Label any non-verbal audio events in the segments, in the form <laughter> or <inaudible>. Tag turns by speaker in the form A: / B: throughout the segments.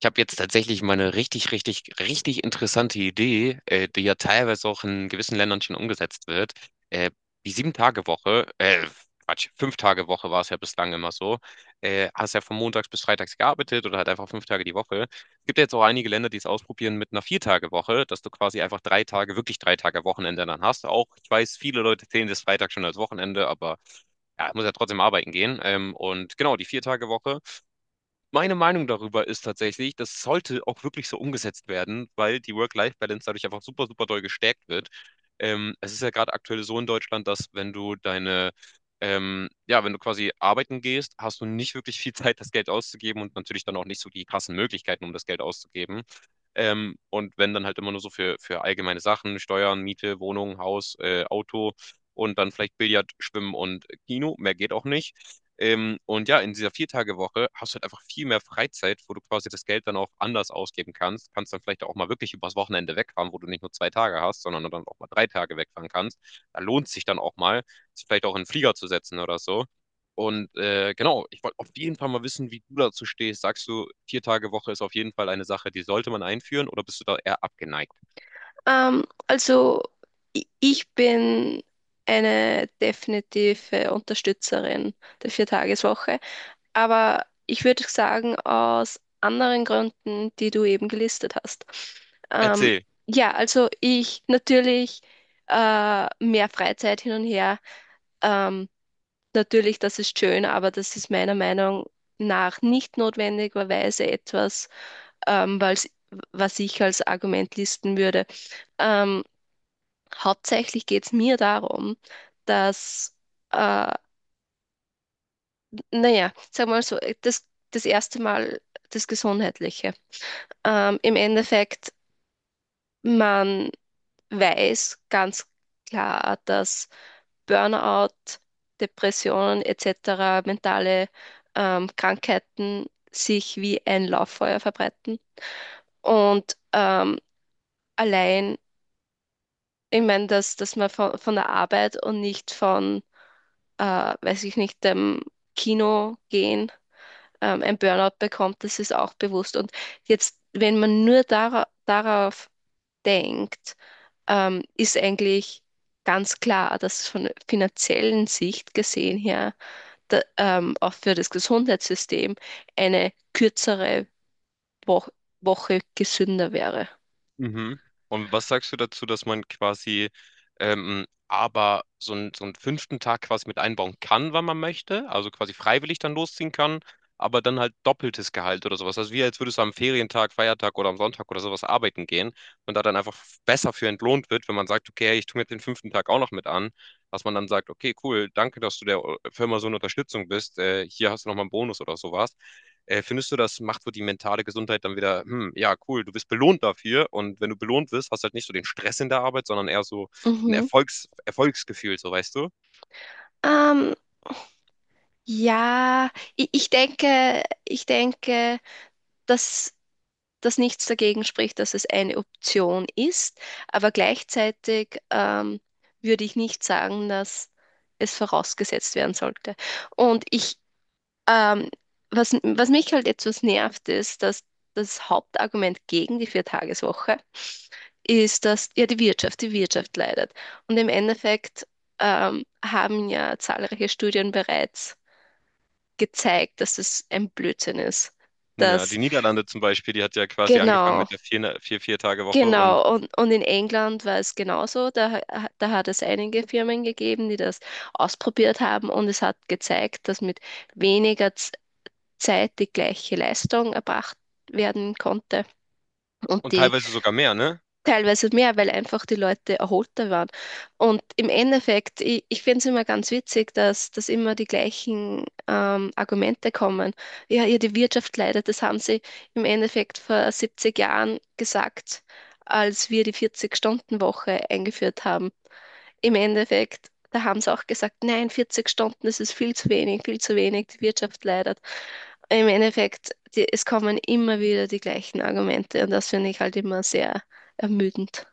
A: Ich habe jetzt tatsächlich mal eine richtig, richtig, richtig interessante Idee, die ja teilweise auch in gewissen Ländern schon umgesetzt wird. Äh, Die Sieben-Tage-Woche, Quatsch, Fünf-Tage-Woche war es ja bislang immer so. Hast ja von montags bis freitags gearbeitet oder halt einfach fünf Tage die Woche. Es gibt ja jetzt auch einige Länder, die es ausprobieren mit einer Vier-Tage-Woche, dass du quasi einfach drei Tage, wirklich drei Tage Wochenende dann hast. Auch, ich weiß, viele Leute zählen das Freitag schon als Wochenende, aber ja, ich muss ja trotzdem arbeiten gehen. Und genau, die Vier-Tage-Woche. Meine Meinung darüber ist tatsächlich, das sollte auch wirklich so umgesetzt werden, weil die Work-Life-Balance dadurch einfach super, super doll gestärkt wird. Es ist ja gerade aktuell so in Deutschland, dass wenn du ja, wenn du quasi arbeiten gehst, hast du nicht wirklich viel <laughs> Zeit, das Geld auszugeben und natürlich dann auch nicht so die krassen Möglichkeiten, um das Geld auszugeben. Und wenn dann halt immer nur so für allgemeine Sachen, Steuern, Miete, Wohnung, Haus, Auto und dann vielleicht Billard, Schwimmen und Kino, mehr geht auch nicht. Und ja, in dieser Vier-Tage-Woche hast du halt einfach viel mehr Freizeit, wo du quasi das Geld dann auch anders ausgeben kannst. Kannst dann vielleicht auch mal wirklich übers Wochenende wegfahren, wo du nicht nur zwei Tage hast, sondern dann auch mal drei Tage wegfahren kannst. Da lohnt sich dann auch mal, sich vielleicht auch in den Flieger zu setzen oder so. Genau, ich wollte auf jeden Fall mal wissen, wie du dazu stehst. Sagst du, Vier-Tage-Woche ist auf jeden Fall eine Sache, die sollte man einführen oder bist du da eher abgeneigt?
B: Also ich bin eine definitive Unterstützerin der Viertageswoche, aber ich würde sagen, aus anderen Gründen, die du eben gelistet hast. Ähm,
A: Erzähl.
B: ja, also ich natürlich mehr Freizeit hin und her. Ähm, Natürlich, das ist schön, aber das ist meiner Meinung nach nicht notwendigerweise etwas, ähm, weil's- was ich als Argument listen würde. Ähm, Hauptsächlich geht es mir darum, dass äh, naja, sagen wir mal so, das erste Mal das Gesundheitliche. Im Endeffekt, man weiß ganz klar, dass Burnout, Depressionen etc., mentale Krankheiten sich wie ein Lauffeuer verbreiten. Und allein, ich meine, dass man von der Arbeit und nicht von weiß ich nicht, dem Kino gehen, ein Burnout bekommt, das ist auch bewusst. Und jetzt, wenn man nur darauf denkt, ist eigentlich ganz klar, dass von finanziellen Sicht gesehen her, da, auch für das Gesundheitssystem eine kürzere Wo Woche gesünder wäre.
A: Mhm. Und was sagst du dazu, dass man quasi aber so einen fünften Tag quasi mit einbauen kann, wann man möchte, also quasi freiwillig dann losziehen kann, aber dann halt doppeltes Gehalt oder sowas. Also wie als würdest du am Ferientag, Feiertag oder am Sonntag oder sowas arbeiten gehen und da dann einfach besser für entlohnt wird, wenn man sagt, okay, hey, ich tue mir den fünften Tag auch noch mit an, dass man dann sagt, okay, cool, danke, dass du der Firma so eine Unterstützung bist, hier hast du nochmal einen Bonus oder sowas. Findest du, das macht so die mentale Gesundheit dann wieder, hm, ja, cool, du wirst belohnt dafür und wenn du belohnt wirst, hast du halt nicht so den Stress in der Arbeit, sondern eher so ein
B: Mhm.
A: Erfolgsgefühl, so weißt du?
B: Ähm, ja, ich denke, dass, dass nichts dagegen spricht, dass es eine Option ist, aber gleichzeitig würde ich nicht sagen, dass es vorausgesetzt werden sollte. Und ich, Ähm, was mich halt etwas nervt, ist, dass das Hauptargument gegen die Viertageswoche ist, dass ja die Wirtschaft leidet. Und im Endeffekt haben ja zahlreiche Studien bereits gezeigt, dass es ein Blödsinn ist.
A: Ja, die
B: Dass,
A: Niederlande zum Beispiel, die hat ja quasi angefangen
B: genau,
A: mit der vier Tage Woche
B: genau. Und in England war es genauso. Da, da hat es einige Firmen gegeben, die das ausprobiert haben und es hat gezeigt, dass mit weniger Zeit die gleiche Leistung erbracht werden konnte und
A: und
B: die
A: teilweise sogar mehr, ne?
B: teilweise mehr, weil einfach die Leute erholter waren. Und im Endeffekt, ich finde es immer ganz witzig, dass immer die gleichen Argumente kommen. Ja, ja, die Wirtschaft leidet, das haben sie im Endeffekt vor 70 Jahren gesagt, als wir die 40-Stunden-Woche eingeführt haben. Im Endeffekt, da haben sie auch gesagt, nein, 40 Stunden, das ist viel zu wenig, die Wirtschaft leidet im Endeffekt. Es kommen immer wieder die gleichen Argumente und das finde ich halt immer sehr ermüdend.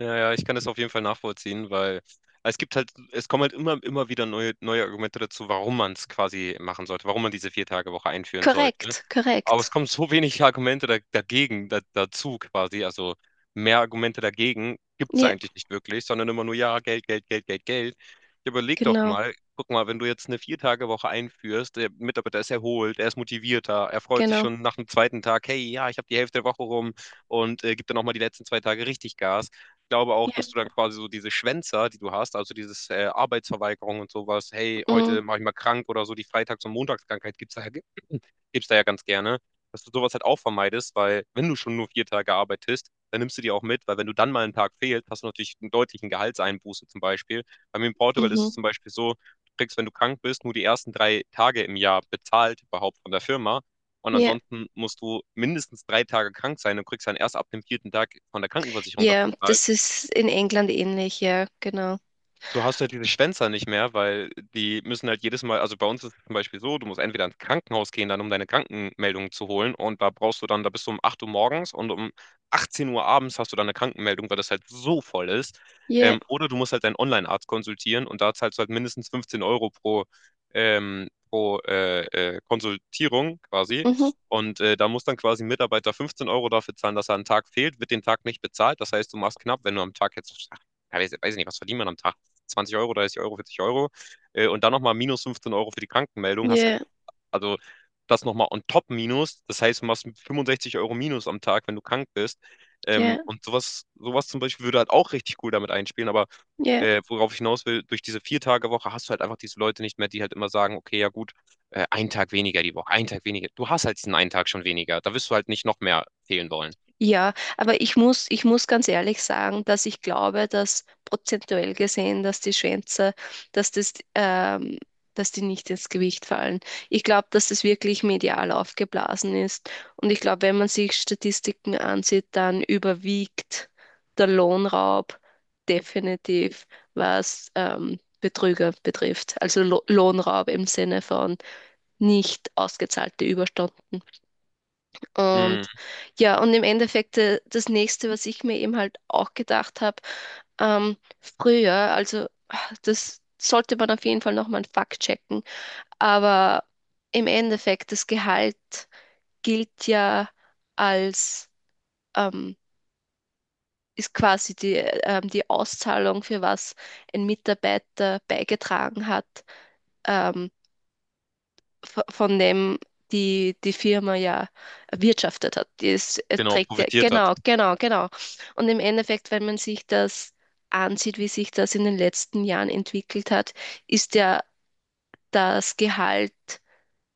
A: Ja, ja, ich kann das auf jeden Fall nachvollziehen, weil es gibt halt, es kommen halt immer wieder neue Argumente dazu, warum man es quasi machen sollte, warum man diese vier Tage Woche einführen sollte.
B: Korrekt,
A: Aber es
B: korrekt.
A: kommen so wenig Argumente dagegen, dazu quasi, also mehr Argumente dagegen gibt es
B: Ja,
A: eigentlich nicht wirklich, sondern immer nur, ja, Geld, Geld, Geld, Geld, Geld. Ja, überleg doch
B: genau,
A: mal, guck mal, wenn du jetzt eine vier Tage Woche einführst, der Mitarbeiter ist erholt, er ist motivierter, er freut sich
B: genau.
A: schon nach dem zweiten Tag, hey, ja, ich habe die Hälfte der Woche rum und gibt dann auch mal die letzten zwei Tage richtig Gas, glaube auch,
B: Ja,
A: dass du dann quasi so diese Schwänzer, die du hast, also dieses Arbeitsverweigerung und sowas, hey,
B: mm,
A: heute mache ich mal krank oder so, die Freitags- und Montagskrankheit gibt's da ja, <clears throat> <laughs> gibt's da ja ganz gerne, dass du sowas halt auch vermeidest, weil wenn du schon nur vier Tage arbeitest, dann nimmst du die auch mit, weil wenn du dann mal einen Tag fehlst, hast du natürlich einen deutlichen Gehaltseinbuße zum Beispiel. Bei mir in Portugal ist
B: mhm.
A: es zum Beispiel so, du kriegst, wenn du krank bist, nur die ersten drei Tage im Jahr bezahlt überhaupt von der Firma. Und
B: Ja,
A: ansonsten musst du mindestens drei Tage krank sein und kriegst dann erst ab dem vierten Tag von der Krankenversicherung das
B: ja,
A: bezahlt,
B: das ist in England ähnlich, ja, genau.
A: du hast halt diese Schwänzer nicht mehr, weil die müssen halt jedes Mal, also bei uns ist es zum Beispiel so, du musst entweder ins Krankenhaus gehen, dann um deine Krankenmeldung zu holen und da brauchst du dann, da bist du um 8 Uhr morgens und um 18 Uhr abends hast du dann eine Krankenmeldung, weil das halt so voll ist.
B: Ja,
A: Oder du musst halt deinen Online-Arzt konsultieren und da zahlst du halt mindestens 15 Euro pro, ähm, pro äh, Konsultierung quasi.
B: mhm.
A: Da muss dann quasi ein Mitarbeiter 15 Euro dafür zahlen, dass er einen Tag fehlt, wird den Tag nicht bezahlt. Das heißt, du machst knapp, wenn du am Tag jetzt, ach, ja, weiß ich nicht, was verdient man am Tag? 20 Euro, 30 Euro, 40 Euro und dann nochmal minus 15 Euro für die Krankenmeldung, hast halt,
B: Ja,
A: also das nochmal on top minus, das heißt, du machst 65 Euro minus am Tag, wenn du krank bist.
B: ja,
A: Und sowas, sowas zum Beispiel würde halt auch richtig cool damit einspielen, aber
B: ja.
A: worauf ich hinaus will, durch diese Vier-Tage-Woche hast du halt einfach diese Leute nicht mehr, die halt immer sagen, okay, ja gut, einen Tag weniger die Woche, einen Tag weniger. Du hast halt diesen einen Tag schon weniger. Da wirst du halt nicht noch mehr fehlen wollen.
B: Ja, aber ich muss ganz ehrlich sagen, dass ich glaube, dass prozentuell gesehen, dass die Schwänze, dass das, dass die nicht ins Gewicht fallen. Ich glaube, dass das wirklich medial aufgeblasen ist. Und ich glaube, wenn man sich Statistiken ansieht, dann überwiegt der Lohnraub definitiv, was Betrüger betrifft. Also Lo Lohnraub im Sinne von nicht ausgezahlte Überstunden.
A: Mm,
B: Und ja, und im Endeffekt das Nächste, was ich mir eben halt auch gedacht habe, früher, also das sollte man auf jeden Fall nochmal einen Fakt checken, aber im Endeffekt das Gehalt gilt ja als, ähm, ist quasi die Auszahlung, für was ein Mitarbeiter beigetragen hat. Ähm, von dem die Firma ja erwirtschaftet hat. Die ist, es
A: genau,
B: trägt ja,
A: profitiert hat.
B: genau, genau, genau. Und im Endeffekt, wenn man sich das ansieht, wie sich das in den letzten Jahren entwickelt hat, ist ja das Gehalt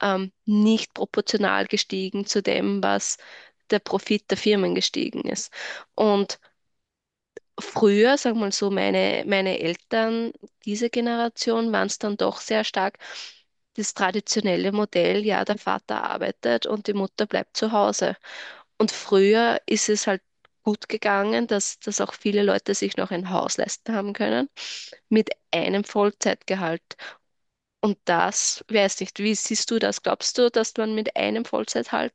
B: nicht proportional gestiegen zu dem, was der Profit der Firmen gestiegen ist. Und früher, sagen wir mal so, meine Eltern, diese Generation, waren es dann doch sehr stark das traditionelle Modell, ja, der Vater arbeitet und die Mutter bleibt zu Hause. Und früher ist es halt gut gegangen, dass auch viele Leute sich noch ein Haus leisten haben können mit einem Vollzeitgehalt. Und das, weiß nicht, wie siehst du das? Glaubst du, dass man mit einem Vollzeitgehalt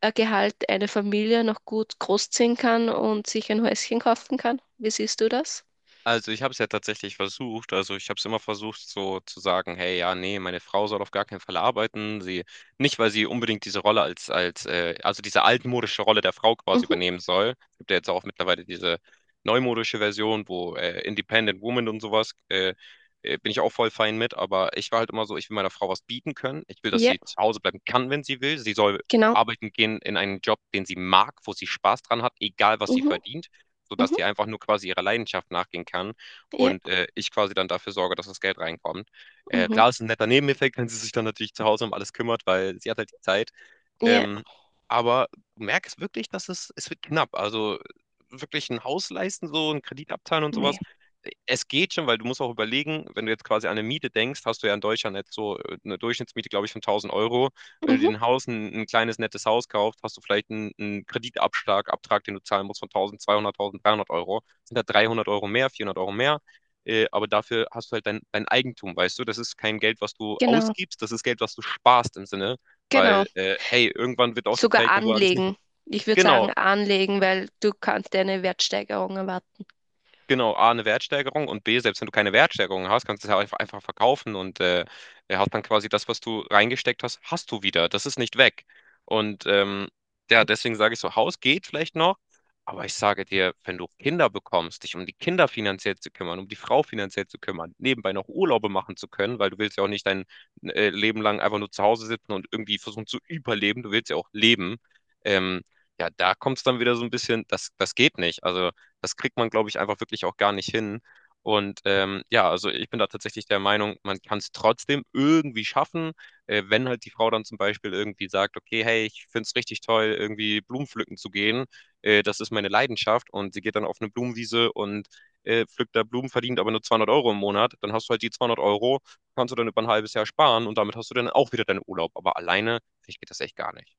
B: Gehalt eine Familie noch gut großziehen kann und sich ein Häuschen kaufen kann? Wie siehst du das?
A: Also ich habe es ja tatsächlich versucht. Also ich habe es immer versucht, so zu sagen, hey, ja, nee, meine Frau soll auf gar keinen Fall arbeiten. Sie, nicht, weil sie unbedingt diese Rolle als, also diese altmodische Rolle der Frau quasi
B: Mhm.
A: übernehmen soll. Es gibt ja jetzt auch mittlerweile diese neumodische Version, wo Independent Woman und sowas, bin ich auch voll fein mit. Aber ich war halt immer so, ich will meiner Frau was bieten können. Ich will, dass
B: Ja,
A: sie zu Hause bleiben kann, wenn sie will. Sie soll
B: genau.
A: arbeiten gehen in einen Job, den sie mag, wo sie Spaß dran hat, egal was sie
B: Mhm.
A: verdient, sodass
B: Mhm.
A: die einfach nur quasi ihrer Leidenschaft nachgehen kann
B: Ja.
A: und ich quasi dann dafür sorge, dass das Geld reinkommt.
B: Mhm.
A: Klar, ist ein netter Nebeneffekt, <laughs> wenn sie sich dann natürlich zu Hause um alles kümmert, weil sie hat halt die Zeit.
B: Ja.
A: Ähm, aber du merkst wirklich, dass es wird knapp. Also wirklich ein Haus leisten, so einen Kredit abzahlen und sowas.
B: Nee.
A: Es geht schon, weil du musst auch überlegen, wenn du jetzt quasi an eine Miete denkst, hast du ja in Deutschland jetzt so eine Durchschnittsmiete, glaube ich, von 1000 Euro. Wenn du dir
B: Mhm.
A: ein ein kleines, nettes Haus kaufst, hast du vielleicht einen Abtrag, den du zahlen musst von 1200, 1300 Euro. Sind da 300 Euro mehr, 400 Euro mehr. Aber dafür hast du halt dein Eigentum, weißt du? Das ist kein Geld, was du
B: Genau.
A: ausgibst, das ist Geld, was du sparst im Sinne. Weil,
B: Genau.
A: hey, irgendwann wird auch die
B: Sogar
A: Zeit kommen, wo alles nicht.
B: anlegen. Ich würde
A: Genau,
B: sagen anlegen, weil du kannst eine Wertsteigerung erwarten.
A: Genau, A, eine Wertsteigerung und B, selbst wenn du keine Wertsteigerung hast, kannst du es ja einfach verkaufen und er hat dann quasi das, was du reingesteckt hast, hast du wieder. Das ist nicht weg. Und ähm, ja, deswegen sage ich so, Haus geht vielleicht noch, aber ich sage dir, wenn du Kinder bekommst, dich um die Kinder finanziell zu kümmern, um die Frau finanziell zu kümmern, nebenbei noch Urlaube machen zu können, weil du willst ja auch nicht dein Leben lang einfach nur zu Hause sitzen und irgendwie versuchen zu überleben, du willst ja auch leben. Ähm, ja, da kommt es dann wieder so ein bisschen, das geht nicht. Also das kriegt man, glaube ich, einfach wirklich auch gar nicht hin. Ja, also ich bin da tatsächlich der Meinung, man kann es trotzdem irgendwie schaffen, wenn halt die Frau dann zum Beispiel irgendwie sagt, okay, hey, ich finde es richtig toll, irgendwie Blumen pflücken zu gehen, das ist meine Leidenschaft und sie geht dann auf eine Blumenwiese und pflückt da Blumen, verdient aber nur 200 Euro im Monat, dann hast du halt die 200 Euro, kannst du dann über ein halbes Jahr sparen und damit hast du dann auch wieder deinen Urlaub. Aber alleine, ich, geht das echt gar nicht.